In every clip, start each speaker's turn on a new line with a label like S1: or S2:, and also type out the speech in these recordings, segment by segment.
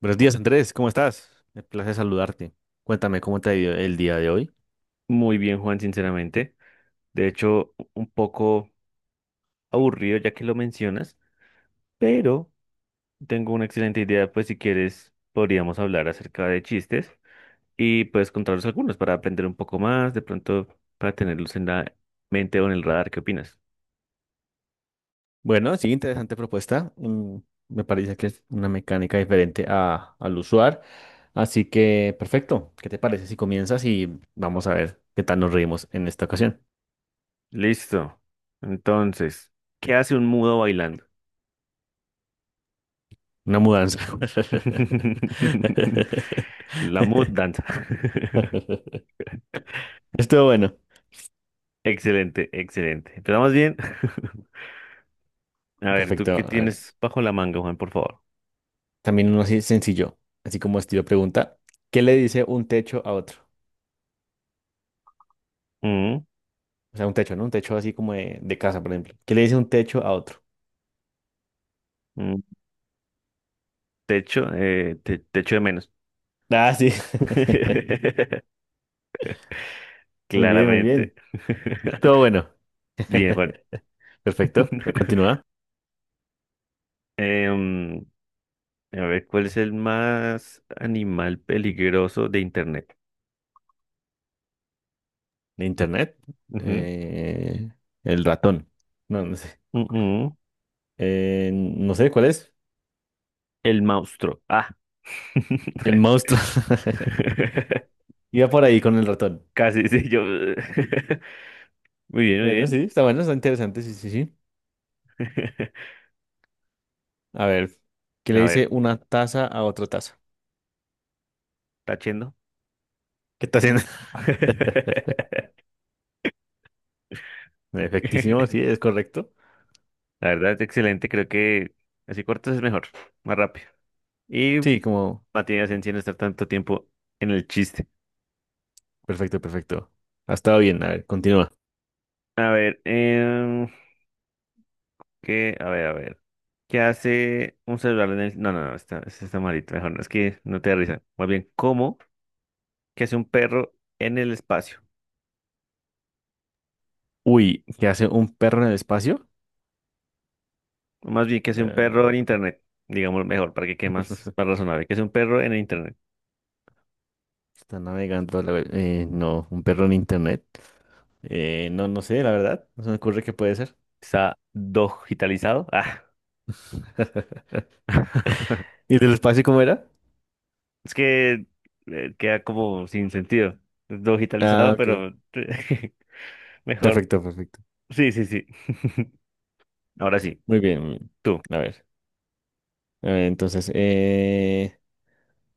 S1: Buenos días, Andrés, ¿cómo estás? Me place saludarte. Cuéntame, ¿cómo te ha ido el día de hoy?
S2: Muy bien, Juan, sinceramente. De hecho, un poco aburrido ya que lo mencionas, pero tengo una excelente idea, pues si quieres podríamos hablar acerca de chistes y puedes contarnos algunos para aprender un poco más, de pronto para tenerlos en la mente o en el radar. ¿Qué opinas?
S1: Bueno, sí, interesante propuesta. Me parece que es una mecánica diferente al usual. Así que, perfecto. ¿Qué te parece si comienzas y vamos a ver qué tal nos reímos en esta ocasión?
S2: Listo. Entonces, ¿qué hace un mudo bailando?
S1: Una mudanza.
S2: La mood danza.
S1: Estuvo bueno.
S2: Excelente, excelente. ¿Empezamos bien? A ver, ¿tú
S1: Perfecto.
S2: qué
S1: A ver,
S2: tienes bajo la manga, Juan, por favor?
S1: también uno así sencillo, así como estilo pregunta. ¿Qué le dice un techo a otro?
S2: Mm.
S1: O sea, un techo, ¿no? Un techo así como de casa, por ejemplo. ¿Qué le dice un techo a otro?
S2: Mm, te echo, te echo de menos.
S1: Ah, sí. Muy bien, muy bien.
S2: Claramente.
S1: Todo bueno.
S2: Bien, Juan.
S1: Perfecto. Continúa.
S2: Em, a ver, ¿cuál es el más animal peligroso de Internet?
S1: Internet. Eh, el ratón. No, no sé.
S2: Ujú, ujú.
S1: No sé cuál es.
S2: El monstruo. Ah.
S1: El monstruo. Iba por ahí con el ratón.
S2: Casi, sí, yo. Muy bien, muy
S1: Bueno, sí,
S2: bien.
S1: está bueno, está interesante. Sí, sí, sí. A ver, ¿qué le
S2: A
S1: dice
S2: ver,
S1: una taza a otra taza?
S2: tachendo.
S1: ¿Qué está haciendo? Efectísimo, sí, es correcto.
S2: La verdad, excelente. Creo que así cortas es mejor, más rápido. Y
S1: Sí, como
S2: no tiene sentido estar tanto tiempo en el chiste.
S1: perfecto, perfecto. Ha estado bien. A ver, continúa.
S2: A ver, ¿qué? A ver, a ver. ¿Qué hace un celular en el...? No, está, ese está malito. Mejor no, es que no te da risa. Más bien, ¿cómo? ¿Qué hace un perro en el espacio?
S1: Uy, ¿qué hace un perro en el espacio?
S2: O más bien, ¿qué hace un perro en
S1: Eh,
S2: internet? Digamos mejor, para que quede más, más razonable. ¿Qué hace un perro en el internet?
S1: está navegando la web. No, un perro en internet. No, no sé, la verdad. No se me ocurre qué puede ser.
S2: ¿Está digitalizado? Ah.
S1: ¿Y del espacio cómo era?
S2: Es que queda como sin sentido.
S1: Ah,
S2: Digitalizado,
S1: ok.
S2: pero mejor.
S1: Perfecto, perfecto.
S2: Sí, sí, sí. Ahora sí,
S1: Muy bien, muy bien.
S2: tú.
S1: A ver. A ver, entonces,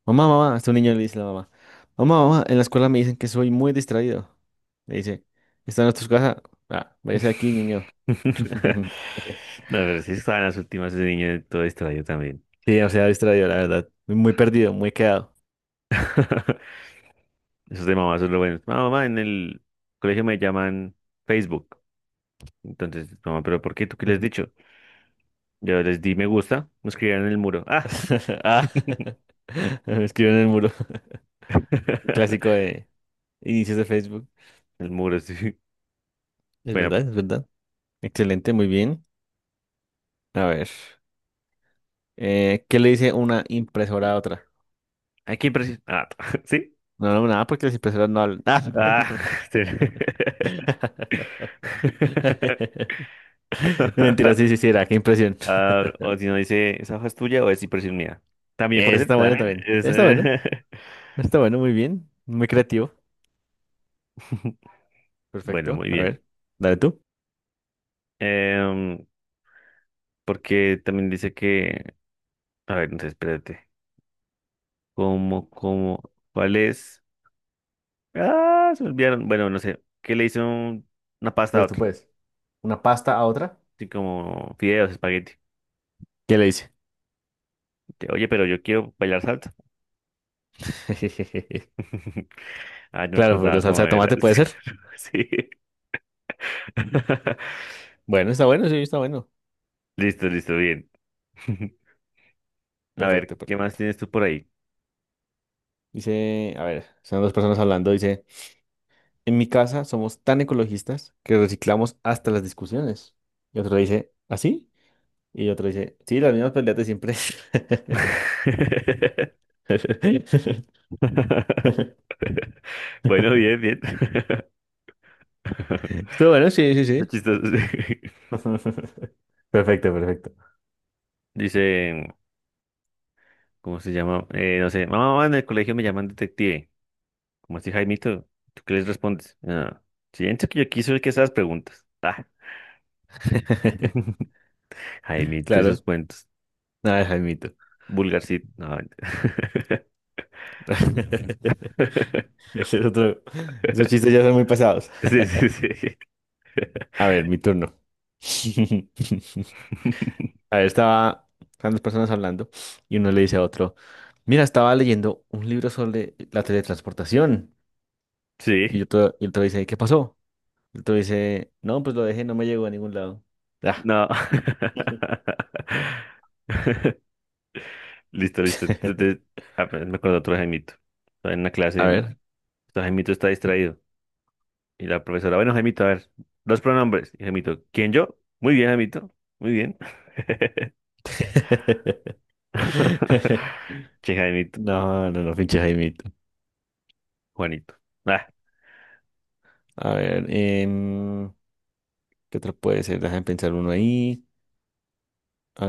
S1: mamá, mamá. Este niño le dice a la mamá. Mamá, mamá, en la escuela me dicen que soy muy distraído. Le dice. ¿Están en tu casa? Ah, váyase de aquí, niño.
S2: No, pero sí estaba en las últimas ese niño todo distraído también.
S1: Sí, o sea, distraído, la verdad. Muy perdido, muy quedado.
S2: Esos de mamá son lo buenos. Mamá, mamá, en el colegio me llaman Facebook. Entonces, mamá, ¿pero por qué? ¿Tú qué les has dicho? Yo les di me gusta, me escribieron en el muro. ¡Ah!
S1: Ah, me escribió en el muro. Clásico de inicios de Facebook.
S2: El muro, sí.
S1: Es verdad,
S2: Bueno,
S1: es verdad. Excelente, muy bien. A ver, ¿qué le dice una impresora a otra?
S2: aquí preciso. Ah, ¿sí?
S1: No, no, nada, porque las impresoras no hablan. Ah,
S2: Ah,
S1: no.
S2: sí.
S1: Mentira, sí, sí, sí, era. Qué impresión.
S2: Ah, o si no dice, ¿esa hoja es tuya o es impresión mía? También puede ser,
S1: Está bueno
S2: también.
S1: también.
S2: Es,
S1: Está bueno. Está bueno, muy bien. Muy creativo.
S2: Bueno,
S1: Perfecto.
S2: muy
S1: A
S2: bien.
S1: ver, dale tú.
S2: Em, porque también dice que, a ver, entonces espérate, ¿cómo, cuál es? Ah, se me olvidaron. Bueno, no sé, ¿qué le hizo una
S1: Tú
S2: pasta a
S1: puedes, tú
S2: otro?
S1: puedes. ¿Una pasta a otra?
S2: Así como fideos, espagueti.
S1: ¿Qué le dice?
S2: Oye, pero yo quiero bailar salsa. Ah, no me
S1: Claro, por la
S2: acordaba
S1: salsa
S2: cómo
S1: de
S2: era.
S1: tomate puede ser.
S2: Sí. Sí.
S1: Bueno, está bueno, sí, está bueno.
S2: Listo, listo, bien. A
S1: Perfecto,
S2: ver, ¿qué más
S1: perfecto.
S2: tienes tú por ahí?
S1: Dice, a ver, son dos personas hablando. Dice, en mi casa somos tan ecologistas que reciclamos hasta las discusiones. Y otro dice, ¿así? Y otro dice, sí, las mismas peleas de siempre.
S2: Bueno, bien, bien.
S1: Estuvo bueno, sí, sí,
S2: Está
S1: sí.
S2: chistoso.
S1: Perfecto, perfecto.
S2: Dice. ¿Cómo se llama? No sé, mamá, mamá, en el colegio me llaman detective. ¿Cómo así, Jaimito? ¿Tú qué les respondes? Ah, siento que yo quiso que esas preguntas. Ah, Jaimito y sus
S1: Claro,
S2: cuentos.
S1: nada, Jaimito.
S2: Vulgarcito. No, mentira.
S1: Ese es otro. Esos chistes ya son muy pasados.
S2: sí, sí, sí.
S1: A ver, mi turno. Ahí estaban dos personas hablando y uno le dice a otro, mira, estaba leyendo un libro sobre la teletransportación.
S2: Sí,
S1: Y otro dice, ¿qué pasó? Y otro dice, no, pues lo dejé, no me llegó a ningún lado. Ah.
S2: no. Listo, listo. Entonces, ah, pero me acuerdo de otro Jaimito. Estaba en una
S1: A
S2: clase.
S1: ver.
S2: Este Jaimito está distraído. Y la profesora, bueno, Jaimito, a ver, los pronombres. Y Jaimito, ¿quién yo? Muy bien, Jaimito, muy bien. Che, Jaimito,
S1: No, no, no, pinche Jaimito.
S2: Juanito. Ah,
S1: A ver, ¿qué otro puede ser? Déjame pensar uno ahí.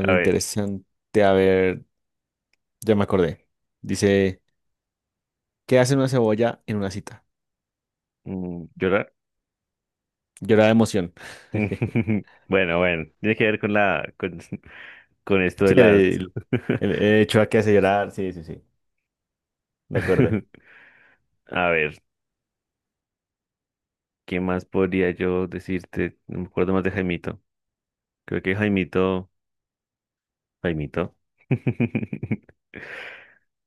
S2: a ver,
S1: interesante. A ver, ya me acordé. Dice, ¿qué hace una cebolla en una cita?
S2: mm, ¿llorar?
S1: Llorar de emoción.
S2: Bueno, bueno, tiene que ver con la, con, con esto
S1: Sí,
S2: de las...
S1: el Chua que hace llorar, sí, sí, sí, de acuerdo.
S2: A ver, ¿qué más podría yo decirte? No me acuerdo más de Jaimito. Creo que Jaimito, Jaimito.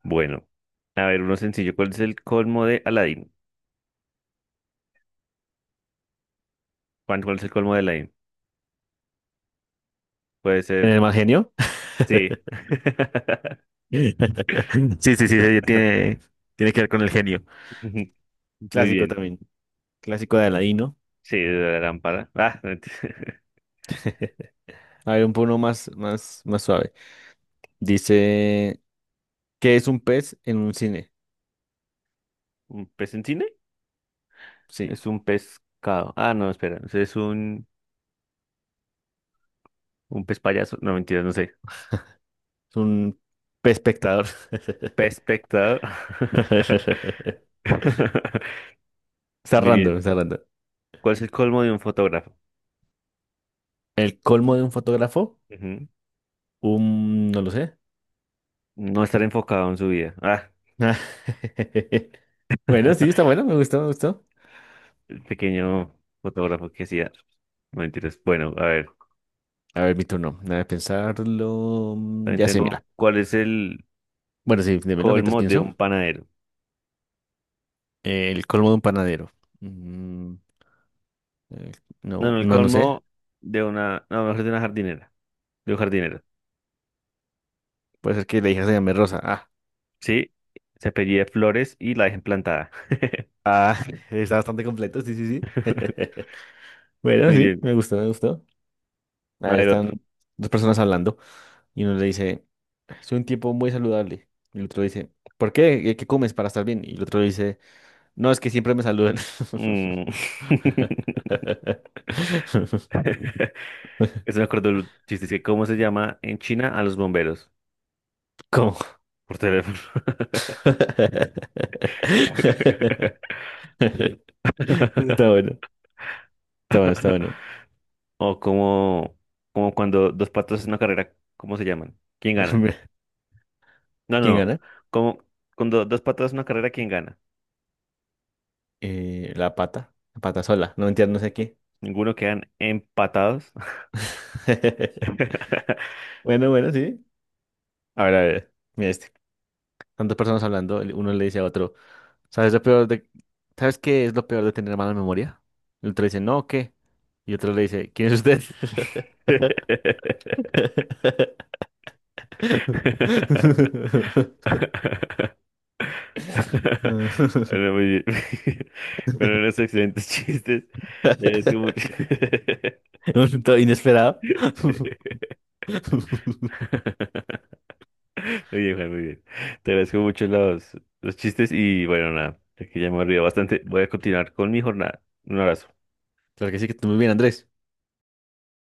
S2: Bueno, a ver, uno sencillo. ¿Cuál es el colmo de Aladdin? Juan, ¿cuál es el colmo de Aladdin? Puede ser
S1: ¿Tiene más genio?
S2: sí.
S1: Sí, sí, sí, sí, tiene, tiene que ver con el genio. Un
S2: Muy
S1: clásico
S2: bien.
S1: también, clásico de Aladino.
S2: Sí, de la lámpara. Ah, mentira.
S1: A ver, un poco más, más, más suave. Dice, ¿qué es un pez en un cine?
S2: ¿Un pez en cine?
S1: Sí,
S2: Es un pescado. Ah, no, espera. Es un pez payaso. No, mentira, no sé.
S1: es un pez espectador.
S2: Pez espectador.
S1: Está
S2: Muy bien.
S1: random, está random.
S2: ¿Cuál es el colmo de un fotógrafo?
S1: ¿El colmo de un fotógrafo?
S2: Ujú.
S1: Un, no lo sé.
S2: No estar enfocado en su vida. Ah,
S1: Bueno, sí, está bueno, me gustó, me gustó.
S2: el pequeño fotógrafo que hacía. No, mentiras. Bueno, a ver.
S1: A ver, mi turno. Nada de pensarlo. Mm,
S2: También
S1: ya sé,
S2: tengo.
S1: mira.
S2: ¿Cuál es el
S1: Bueno, sí, démelo mientras
S2: colmo de
S1: pienso.
S2: un panadero?
S1: El colmo de un panadero. Mm, eh,
S2: No,
S1: no,
S2: no, el
S1: no, no sé.
S2: colmo de una. No, mejor de una jardinera, de un jardinero.
S1: Puede ser que la hija se llame Rosa.
S2: Sí, se apellida Flores y la dejan plantada.
S1: Ah, está bastante completo. Sí, sí, sí. Bueno,
S2: Muy
S1: sí,
S2: bien.
S1: me gustó, me gustó. A
S2: A
S1: ver,
S2: ver
S1: están
S2: otro.
S1: dos personas hablando y uno le dice, soy un tipo muy saludable. Y el otro dice, ¿por qué? ¿Qué comes para estar bien? Y el otro le dice, no, es que siempre me saludan.
S2: Mm. Eso me acuerdo el chiste. Es que ¿cómo se llama en China a los bomberos?
S1: ¿Cómo?
S2: Por teléfono.
S1: Está bueno, está bueno, está bueno.
S2: O como, como cuando dos patos en una carrera, ¿cómo se llaman? ¿Quién gana? No, no,
S1: ¿Quién
S2: no.
S1: gana?
S2: Como cuando dos patos en una carrera, ¿quién gana?
S1: La pata sola, no entiendo, no sé qué.
S2: Ninguno, quedan empatados.
S1: Bueno, bueno, sí. A ver, mira este. Tantas personas hablando, el- uno le dice a otro, ¿sabes lo peor de... ¿Sabes qué es lo peor de tener mala memoria? El otro dice, no, ¿qué? Y otro le dice, ¿quién es usted?
S2: Bueno, muy bien. Bueno, unos excelentes chistes. Te agradezco mucho.
S1: Todo inesperado.
S2: Sí. Muy bien, Juan, muy bien. Te agradezco mucho los chistes y bueno, nada, que ya me he olvidado bastante. Voy a continuar con mi jornada. Un abrazo.
S1: Claro que sí, que tú muy bien, Andrés.